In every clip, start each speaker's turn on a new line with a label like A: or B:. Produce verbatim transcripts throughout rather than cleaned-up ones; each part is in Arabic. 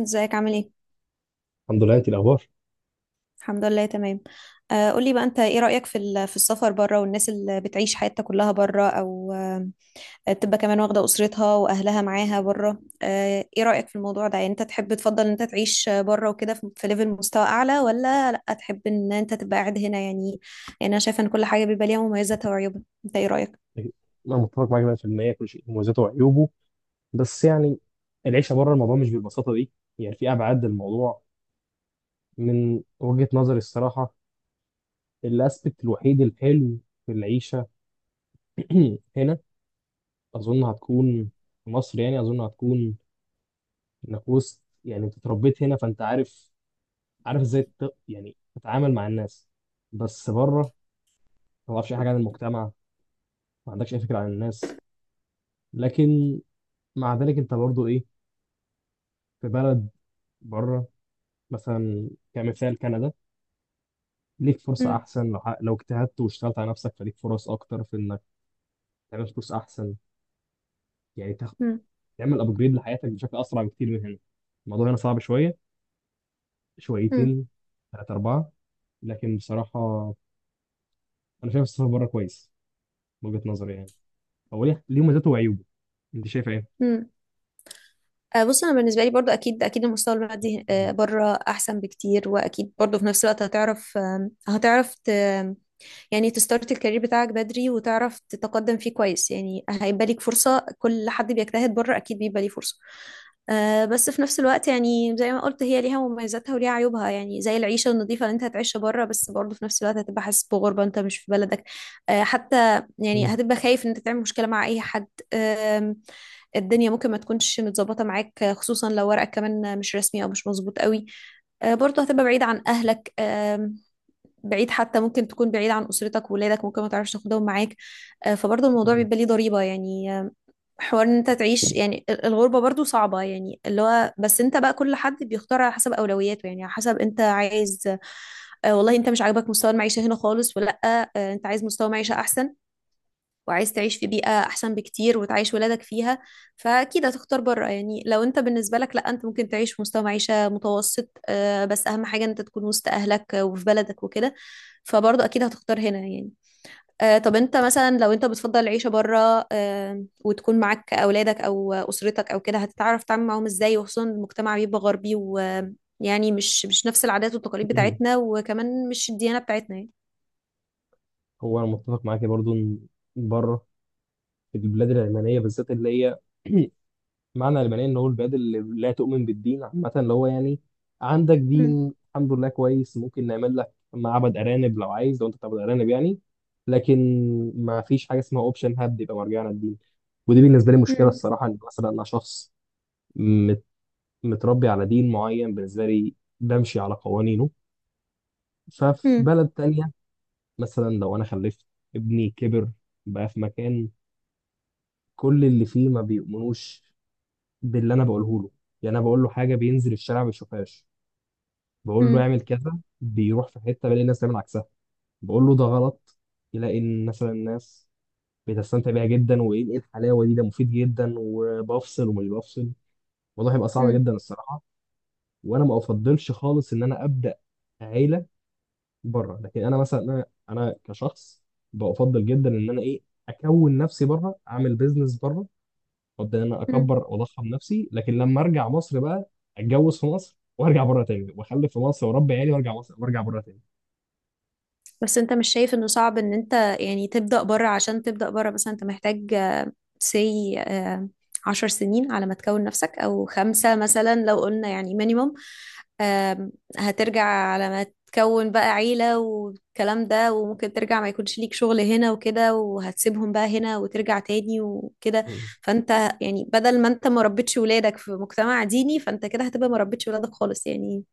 A: ازيك عامل ايه؟
B: الحمد لله، انت الاخبار؟
A: الحمد لله تمام. آه، قولي بقى، انت ايه رأيك في ال- في السفر بره والناس اللي بتعيش حياتها كلها بره، او آه تبقى كمان واخدة أسرتها واهلها معاها بره؟ آه ايه رأيك في الموضوع ده؟ يعني انت تحب تفضل ان انت تعيش بره وكده في في ليفل، مستوى اعلى، ولا لا تحب ان انت تبقى قاعد هنا يعني؟ يعني انا شايفة ان كل حاجة بيبقى ليها مميزاتها وعيوبها. انت ايه رأيك؟
B: انا متفق معاك ميه بالميه. كل شيء مميزاته وعيوبه. بس يعني، العيشه بره الموضوع مش بالبساطه دي. يعني في ابعاد للموضوع، من وجهه نظري الصراحه. الاسبكت الوحيد الحلو في العيشه هنا اظن هتكون، في مصر يعني اظن هتكون انك وسط. يعني انت اتربيت هنا فانت عارف عارف ازاي ت- يعني تتعامل مع الناس. بس بره ما تعرفش اي حاجه عن المجتمع، ما عندكش اي فكره عن الناس. لكن مع ذلك انت برضو ايه، في بلد بره، مثلا كمثال كندا، ليك فرصة
A: مم.
B: أحسن لو ح- لو اجتهدت واشتغلت على نفسك، فليك فرص أكتر في إنك تعمل فلوس أحسن. يعني تاخد،
A: مم.
B: تعمل أبجريد لحياتك بشكل أسرع بكتير من هنا. الموضوع هنا صعب شوية،
A: مم.
B: شويتين، ثلاثة، أربعة. لكن بصراحة أنا شايف السفر بره كويس، من وجهة نظري يعني. هو ليه ليه مزاته وعيوبه. أنت شايف إيه؟
A: مم. آه، بص، انا بالنسبه لي برضو اكيد اكيد المستوى المادي، آه، بره احسن بكتير، واكيد برضو في نفس الوقت هتعرف آم، هتعرف يعني تستارت الكارير بتاعك بدري وتعرف تتقدم فيه كويس. يعني هيبقى ليك فرصة، كل حد بيجتهد بره أكيد بيبقى ليه فرصة. آه بس في نفس الوقت يعني زي ما قلت، هي ليها مميزاتها وليها عيوبها. يعني زي العيشة النظيفة اللي انت هتعيشها بره، بس برضه في نفس الوقت هتبقى حاسس بغربة، انت مش في بلدك. آه حتى يعني هتبقى خايف ان انت تعمل مشكلة مع اي حد. آم، الدنيا ممكن ما تكونش متظبطة معاك، آه، خصوصا لو ورقك كمان مش رسمي او مش مظبوط قوي. آه، برضه هتبقى بعيد عن أهلك. آم، بعيد، حتى ممكن تكون بعيد عن أسرتك وولادك، ممكن ما تعرفش تاخدهم معاك. آه، فبرضه الموضوع بيبقى ليه ضريبة يعني. آه، حوار ان انت تعيش يعني ال- الغربة برضه صعبة. يعني اللي هو بس انت بقى، كل حد بيختار على حسب أولوياته، يعني على حسب انت عايز. آه، والله انت مش عاجبك مستوى المعيشة هنا خالص، ولا آه، انت عايز مستوى معيشة أحسن وعايز تعيش في بيئة أحسن بكتير وتعيش ولادك فيها، فأكيد هتختار بره يعني. لو أنت بالنسبة لك لأ، أنت ممكن تعيش في مستوى معيشة متوسط، آه، بس أهم حاجة إن أنت تكون وسط أهلك، آه، وفي بلدك وكده، فبرضه أكيد هتختار هنا يعني. آه، طب أنت مثلا لو أنت بتفضل العيشة بره، آه، وتكون معاك أولادك أو أسرتك أو كده، هتتعرف تتعامل معاهم إزاي؟ وخصوصا المجتمع بيبقى غربي، ويعني مش مش نفس العادات والتقاليد بتاعتنا، وكمان مش الديانة بتاعتنا يعني.
B: هو أنا متفق معاك برضو إن بره، في البلاد العلمانية بالذات اللي هي معنى المعنيه ان هو البلاد اللي لا تؤمن بالدين عامه، اللي هو يعني عندك
A: مم.
B: دين الحمد لله كويس، ممكن نعمل لك معبد ارانب لو عايز، لو انت بتعبد ارانب يعني. لكن ما فيش حاجه اسمها اوبشن هاب يبقى مرجعنا للدين. ودي بالنسبه لي مشكله
A: مم.
B: الصراحه، ان مثلا انا شخص مت- متربي على دين معين، بالنسبه لي بمشي على قوانينه. ففي
A: مم.
B: بلد تانية، مثلا لو انا خلفت، ابني كبر، بقى في مكان كل اللي فيه ما بيؤمنوش باللي انا بقوله له. يعني انا بقول له حاجه بينزل الشارع ما بيشوفهاش، بقول له اعمل كذا بيروح في حته بلاقي الناس تعمل عكسها، بقول له ده غلط يلاقي ان مثلا الناس بتستمتع بيها جدا، وايه إيه الحلاوه دي، ده مفيد جدا، وبفصل ومش بفصل. الموضوع هيبقى صعب
A: مم.
B: جدا الصراحه. وانا ما افضلش خالص ان انا ابدا عيله بره. لكن انا مثلا، انا انا كشخص بفضل جدا ان انا ايه، اكون نفسي بره، اعمل بيزنس بره، ابدا ان انا
A: مم.
B: اكبر واضخم نفسي، لكن لما ارجع مصر بقى اتجوز في مصر، وارجع بره تاني، واخلف في مصر، واربي عيالي، وارجع مصر، وارجع بره
A: بس انت مش شايف انه صعب ان انت يعني تبدأ بره؟ عشان تبدأ بره مثلا انت محتاج سي عشر سنين على ما تكون نفسك، او خمسة مثلا لو قلنا يعني مينيموم. هترجع على ما تكون بقى عيلة والكلام ده، وممكن ترجع ما يكونش ليك شغل هنا وكده، وهتسيبهم بقى هنا وترجع تاني وكده.
B: تاني.
A: فانت يعني بدل ما انت ما ربيتش ولادك في مجتمع ديني، فانت كده هتبقى ما ربيتش ولادك خالص يعني.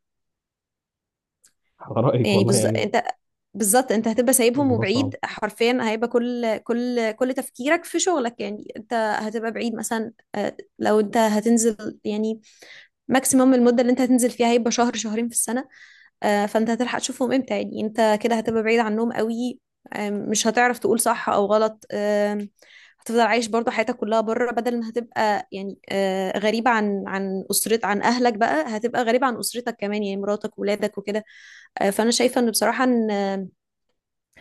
B: على رأيك
A: يعني
B: والله
A: بز...
B: يعني.
A: انت بالظبط انت هتبقى سايبهم
B: الموضوع صعب.
A: وبعيد حرفيا. هيبقى كل كل كل تفكيرك في شغلك، يعني انت هتبقى بعيد. مثلا آه، لو انت هتنزل يعني، ماكسيموم المدة اللي انت هتنزل فيها هيبقى شهر شهرين في السنة، آه، فانت هتلحق تشوفهم امتى؟ يعني انت كده هتبقى بعيد عنهم قوي. آه، مش هتعرف تقول صح او غلط. آه، هتفضل عايش برضو حياتك كلها بره، بدل ما هتبقى يعني آه، غريبة عن عن أسرت عن أهلك، بقى هتبقى غريبة عن أسرتك كمان يعني، مراتك وولادك وكده. آه، فأنا شايفة إن بصراحة، إن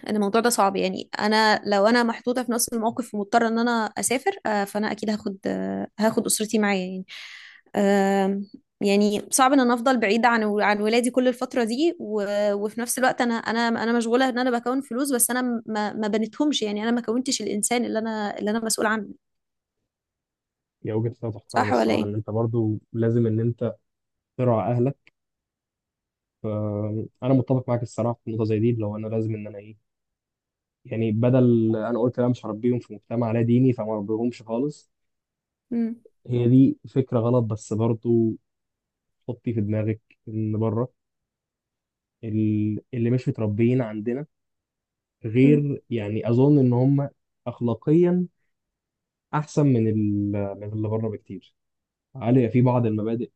A: ان الموضوع ده صعب يعني. انا لو انا محطوطه في نفس الموقف ومضطره ان انا اسافر، آه، فانا اكيد هاخد آه، هاخد اسرتي معايا يعني. آم، يعني صعب ان انا افضل بعيده عن عن ولادي كل الفتره دي، و- وفي نفس الوقت انا انا انا مشغوله ان انا بكون فلوس، بس انا ما ما بنتهمش يعني. انا ما كونتش الانسان اللي انا اللي انا مسؤول عنه.
B: هي وجهة نظر فعلا
A: صح ولا
B: الصراحة، إن
A: ايه؟
B: أنت برضو لازم إن أنت تراعي أهلك. أنا متفق معاك الصراحة في النقطة زي دي، اللي هو أنا لازم إن أنا إيه، يعني بدل أنا قلت أنا مش هربيهم في مجتمع لا ديني فما أربيهمش خالص.
A: امم.
B: هي دي فكرة غلط، بس برضو حطي في دماغك إن بره ال- اللي مش متربيين عندنا غير، يعني أظن إن هم أخلاقيا أحسن من ال- من اللي بره بكتير، علي في بعض المبادئ،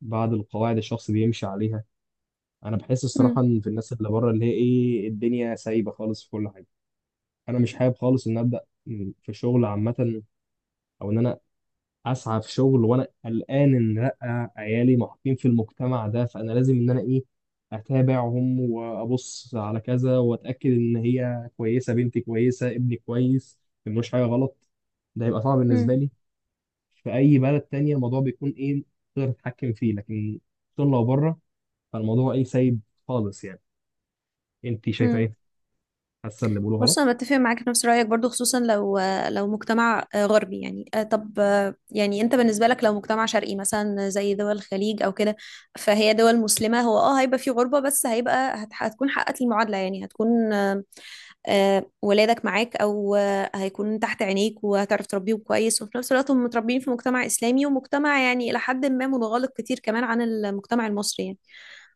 B: بعض القواعد الشخص بيمشي عليها. انا بحس الصراحه
A: امم.
B: ان في الناس اللي بره، اللي هي ايه الدنيا سايبه خالص في كل حاجه. انا مش حابب خالص ان ابدا في شغل عامه، او ان انا اسعى في شغل وانا قلقان ان لا عيالي محطين في المجتمع ده، فانا لازم ان انا ايه اتابعهم وابص على كذا واتاكد ان هي كويسه، بنتي كويسه، ابني كويس، ما ملوش حاجه غلط. ده هيبقى صعب بالنسبه لي. في اي بلد تانية الموضوع بيكون ايه، تقدر تتحكم فيه، لكن طول لو بره فالموضوع ايه سايب خالص يعني. انت شايفه
A: امم.
B: ايه، حاسه اللي بيقوله
A: بص،
B: غلط؟
A: انا بتفق معاك في نفس رايك برضو، خصوصا لو لو مجتمع غربي يعني. آه، طب آه، يعني انت بالنسبه لك لو مجتمع شرقي، مثلا زي دول الخليج او كده، فهي دول مسلمه. هو اه هيبقى في غربه، بس هيبقى هت- هتكون حققت المعادله يعني. هتكون آه، آه، ولادك معاك، او آه، هيكون تحت عينيك، وهتعرف تربيهم كويس، وفي نفس الوقت هم متربيين في مجتمع اسلامي، ومجتمع يعني الى حد ما منغلق كتير كمان عن المجتمع المصري يعني.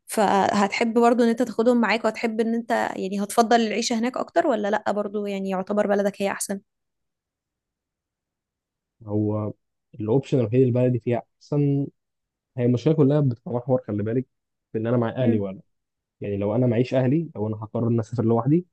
A: فهتحب برضو ان انت تاخدهم معاك، وهتحب ان انت يعني هتفضل العيشة هناك أكتر، ولا لأ، برضو يعني يعتبر بلدك هي أحسن؟
B: هو الاوبشن الوحيد اللي البلدي فيها احسن، هي المشكله كلها بتتمحور، خلي بالك، في ان انا مع اهلي
A: مم.
B: ولا، يعني لو انا معيش اهلي، لو انا هقرر ان اسافر لوحدي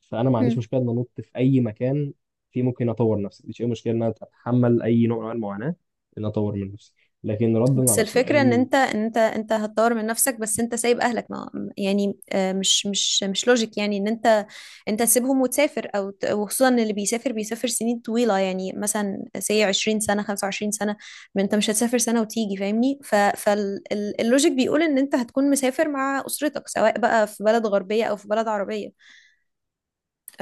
B: فانا ما عنديش
A: مم.
B: مشكله ان انط في اي مكان فيه ممكن اطور نفسي، مش اي مشكله ان انا اتحمل اي نوع من أنواع المعاناه ان أنا اطور من نفسي. لكن ردا
A: بس
B: على
A: الفكرة ان
B: سؤال،
A: انت ان انت انت هتطور من نفسك، بس انت سايب اهلك، ما يعني آه، مش مش مش لوجيك يعني ان انت انت تسيبهم وتسافر، او ت- وخصوصا إن اللي بيسافر بيسافر سنين طويلة يعني، مثلا سي عشرين سنة، خمسة وعشرين سنة. ما انت مش هتسافر سنة وتيجي، فاهمني؟ فاللوجيك بيقول ان انت هتكون مسافر مع اسرتك، سواء بقى في بلد غربية او في بلد عربية.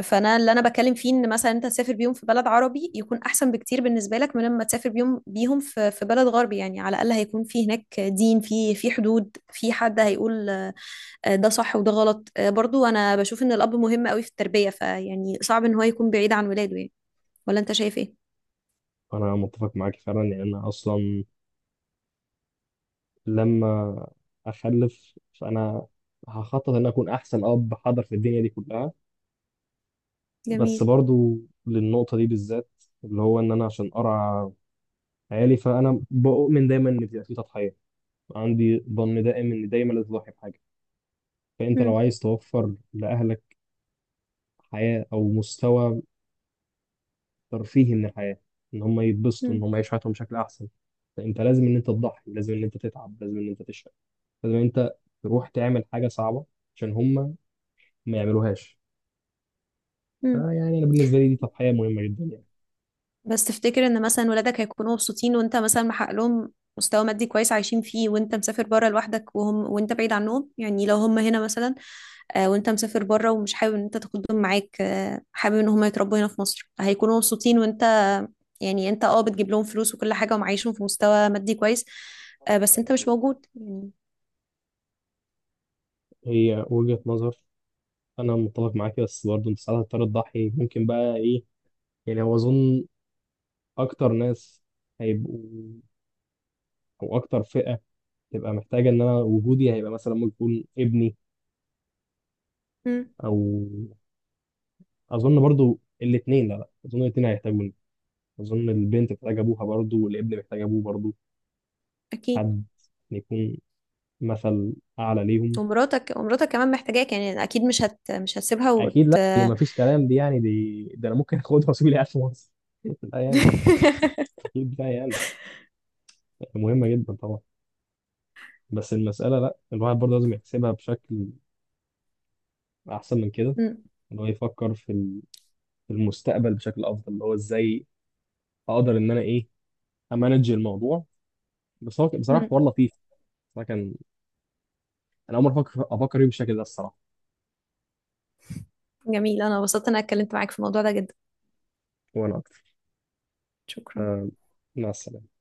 A: فانا اللي انا بتكلم فيه ان مثلا انت تسافر بيهم في بلد عربي يكون احسن بكتير بالنسبه لك من لما تسافر بيهم بيهم في في بلد غربي يعني. على الاقل هيكون في هناك دين، في في حدود، في حد هيقول آه، ده صح وده غلط. آه، برضو انا بشوف ان الاب مهم قوي في التربيه، فيعني صعب ان هو يكون بعيد عن ولاده يعني. ولا انت شايف ايه؟
B: انا متفق معاك فعلا، يعني انا اصلا لما اخلف فانا هخطط ان أنا اكون احسن اب حاضر في الدنيا دي كلها. بس
A: جميل.
B: برضو للنقطة دي بالذات اللي هو إن أنا عشان أرعى عيالي، فأنا بؤمن دايما إن بيبقى في تضحية، عندي ظن دائم إن دايما لازم تضحي بحاجة. فأنت لو
A: مم.
B: عايز توفر لأهلك حياة أو مستوى ترفيهي من الحياة، إن هم يتبسطوا، إن
A: مم.
B: هم يعيشوا حياتهم بشكل أحسن، فأنت لازم إن أنت تضحي، لازم إن أنت تتعب، لازم إن أنت تشقى، لازم إن أنت تروح تعمل حاجة صعبة عشان هم ما يعملوهاش.
A: مم.
B: فيعني أنا بالنسبة لي دي تضحية مهمة جدا يعني.
A: بس تفتكر ان مثلا ولادك هيكونوا مبسوطين، وانت مثلا محقق لهم مستوى مادي كويس عايشين فيه، وانت مسافر بره لوحدك، وهم وانت بعيد عنهم؟ يعني لو هم هنا مثلا، آه، وانت مسافر بره ومش حابب ان انت تاخدهم معاك، آه، حابب ان هم يتربوا هنا في مصر، هيكونوا مبسوطين وانت يعني انت اه بتجيب لهم فلوس وكل حاجة ومعيشهم في مستوى مادي كويس، آه، بس انت مش موجود يعني.
B: هي وجهة نظر، انا متفق معاك، بس برضه انت ساعات هتضطر تضحي ممكن بقى ايه. يعني هو اظن اكتر ناس هيبقوا، او اكتر فئة تبقى محتاجة ان انا وجودي، هيبقى مثلا ممكن يكون ابني،
A: مم.
B: او اظن برضه الاثنين، لا لا اظن الاثنين هيحتاجوني، اظن البنت محتاجة ابوها برضه، والابن محتاج ابوه برضه،
A: اكيد.
B: حد يكون مثل اعلى ليهم.
A: ومراتك ومراتك كمان محتاجاك يعني اكيد، مش هت مش هتسيبها وت...
B: اكيد لا، هي ما فيش كلام دي يعني، دي ده انا ممكن اخدها واسيب لي قاعد في مصر لا يعني، اكيد لا يعني، مهمة جدا طبعا. بس المسألة لا، الواحد برضه لازم يحسبها بشكل أحسن من كده،
A: مم.
B: إن هو يفكر في ال- في المستقبل بشكل أفضل، اللي هو إزاي أقدر إن أنا إيه أمانج الموضوع. بس هو بصراحة
A: مم.
B: حوار لطيف. بصراحة كان أنا أول مرة أفكر أفكر فيه بالشكل ده الصراحة.
A: جميل، انا انبسطت إن انا اتكلمت معاك في الموضوع ده جدا.
B: وأنا أكتر.
A: شكرا.
B: آه، مع السلامة.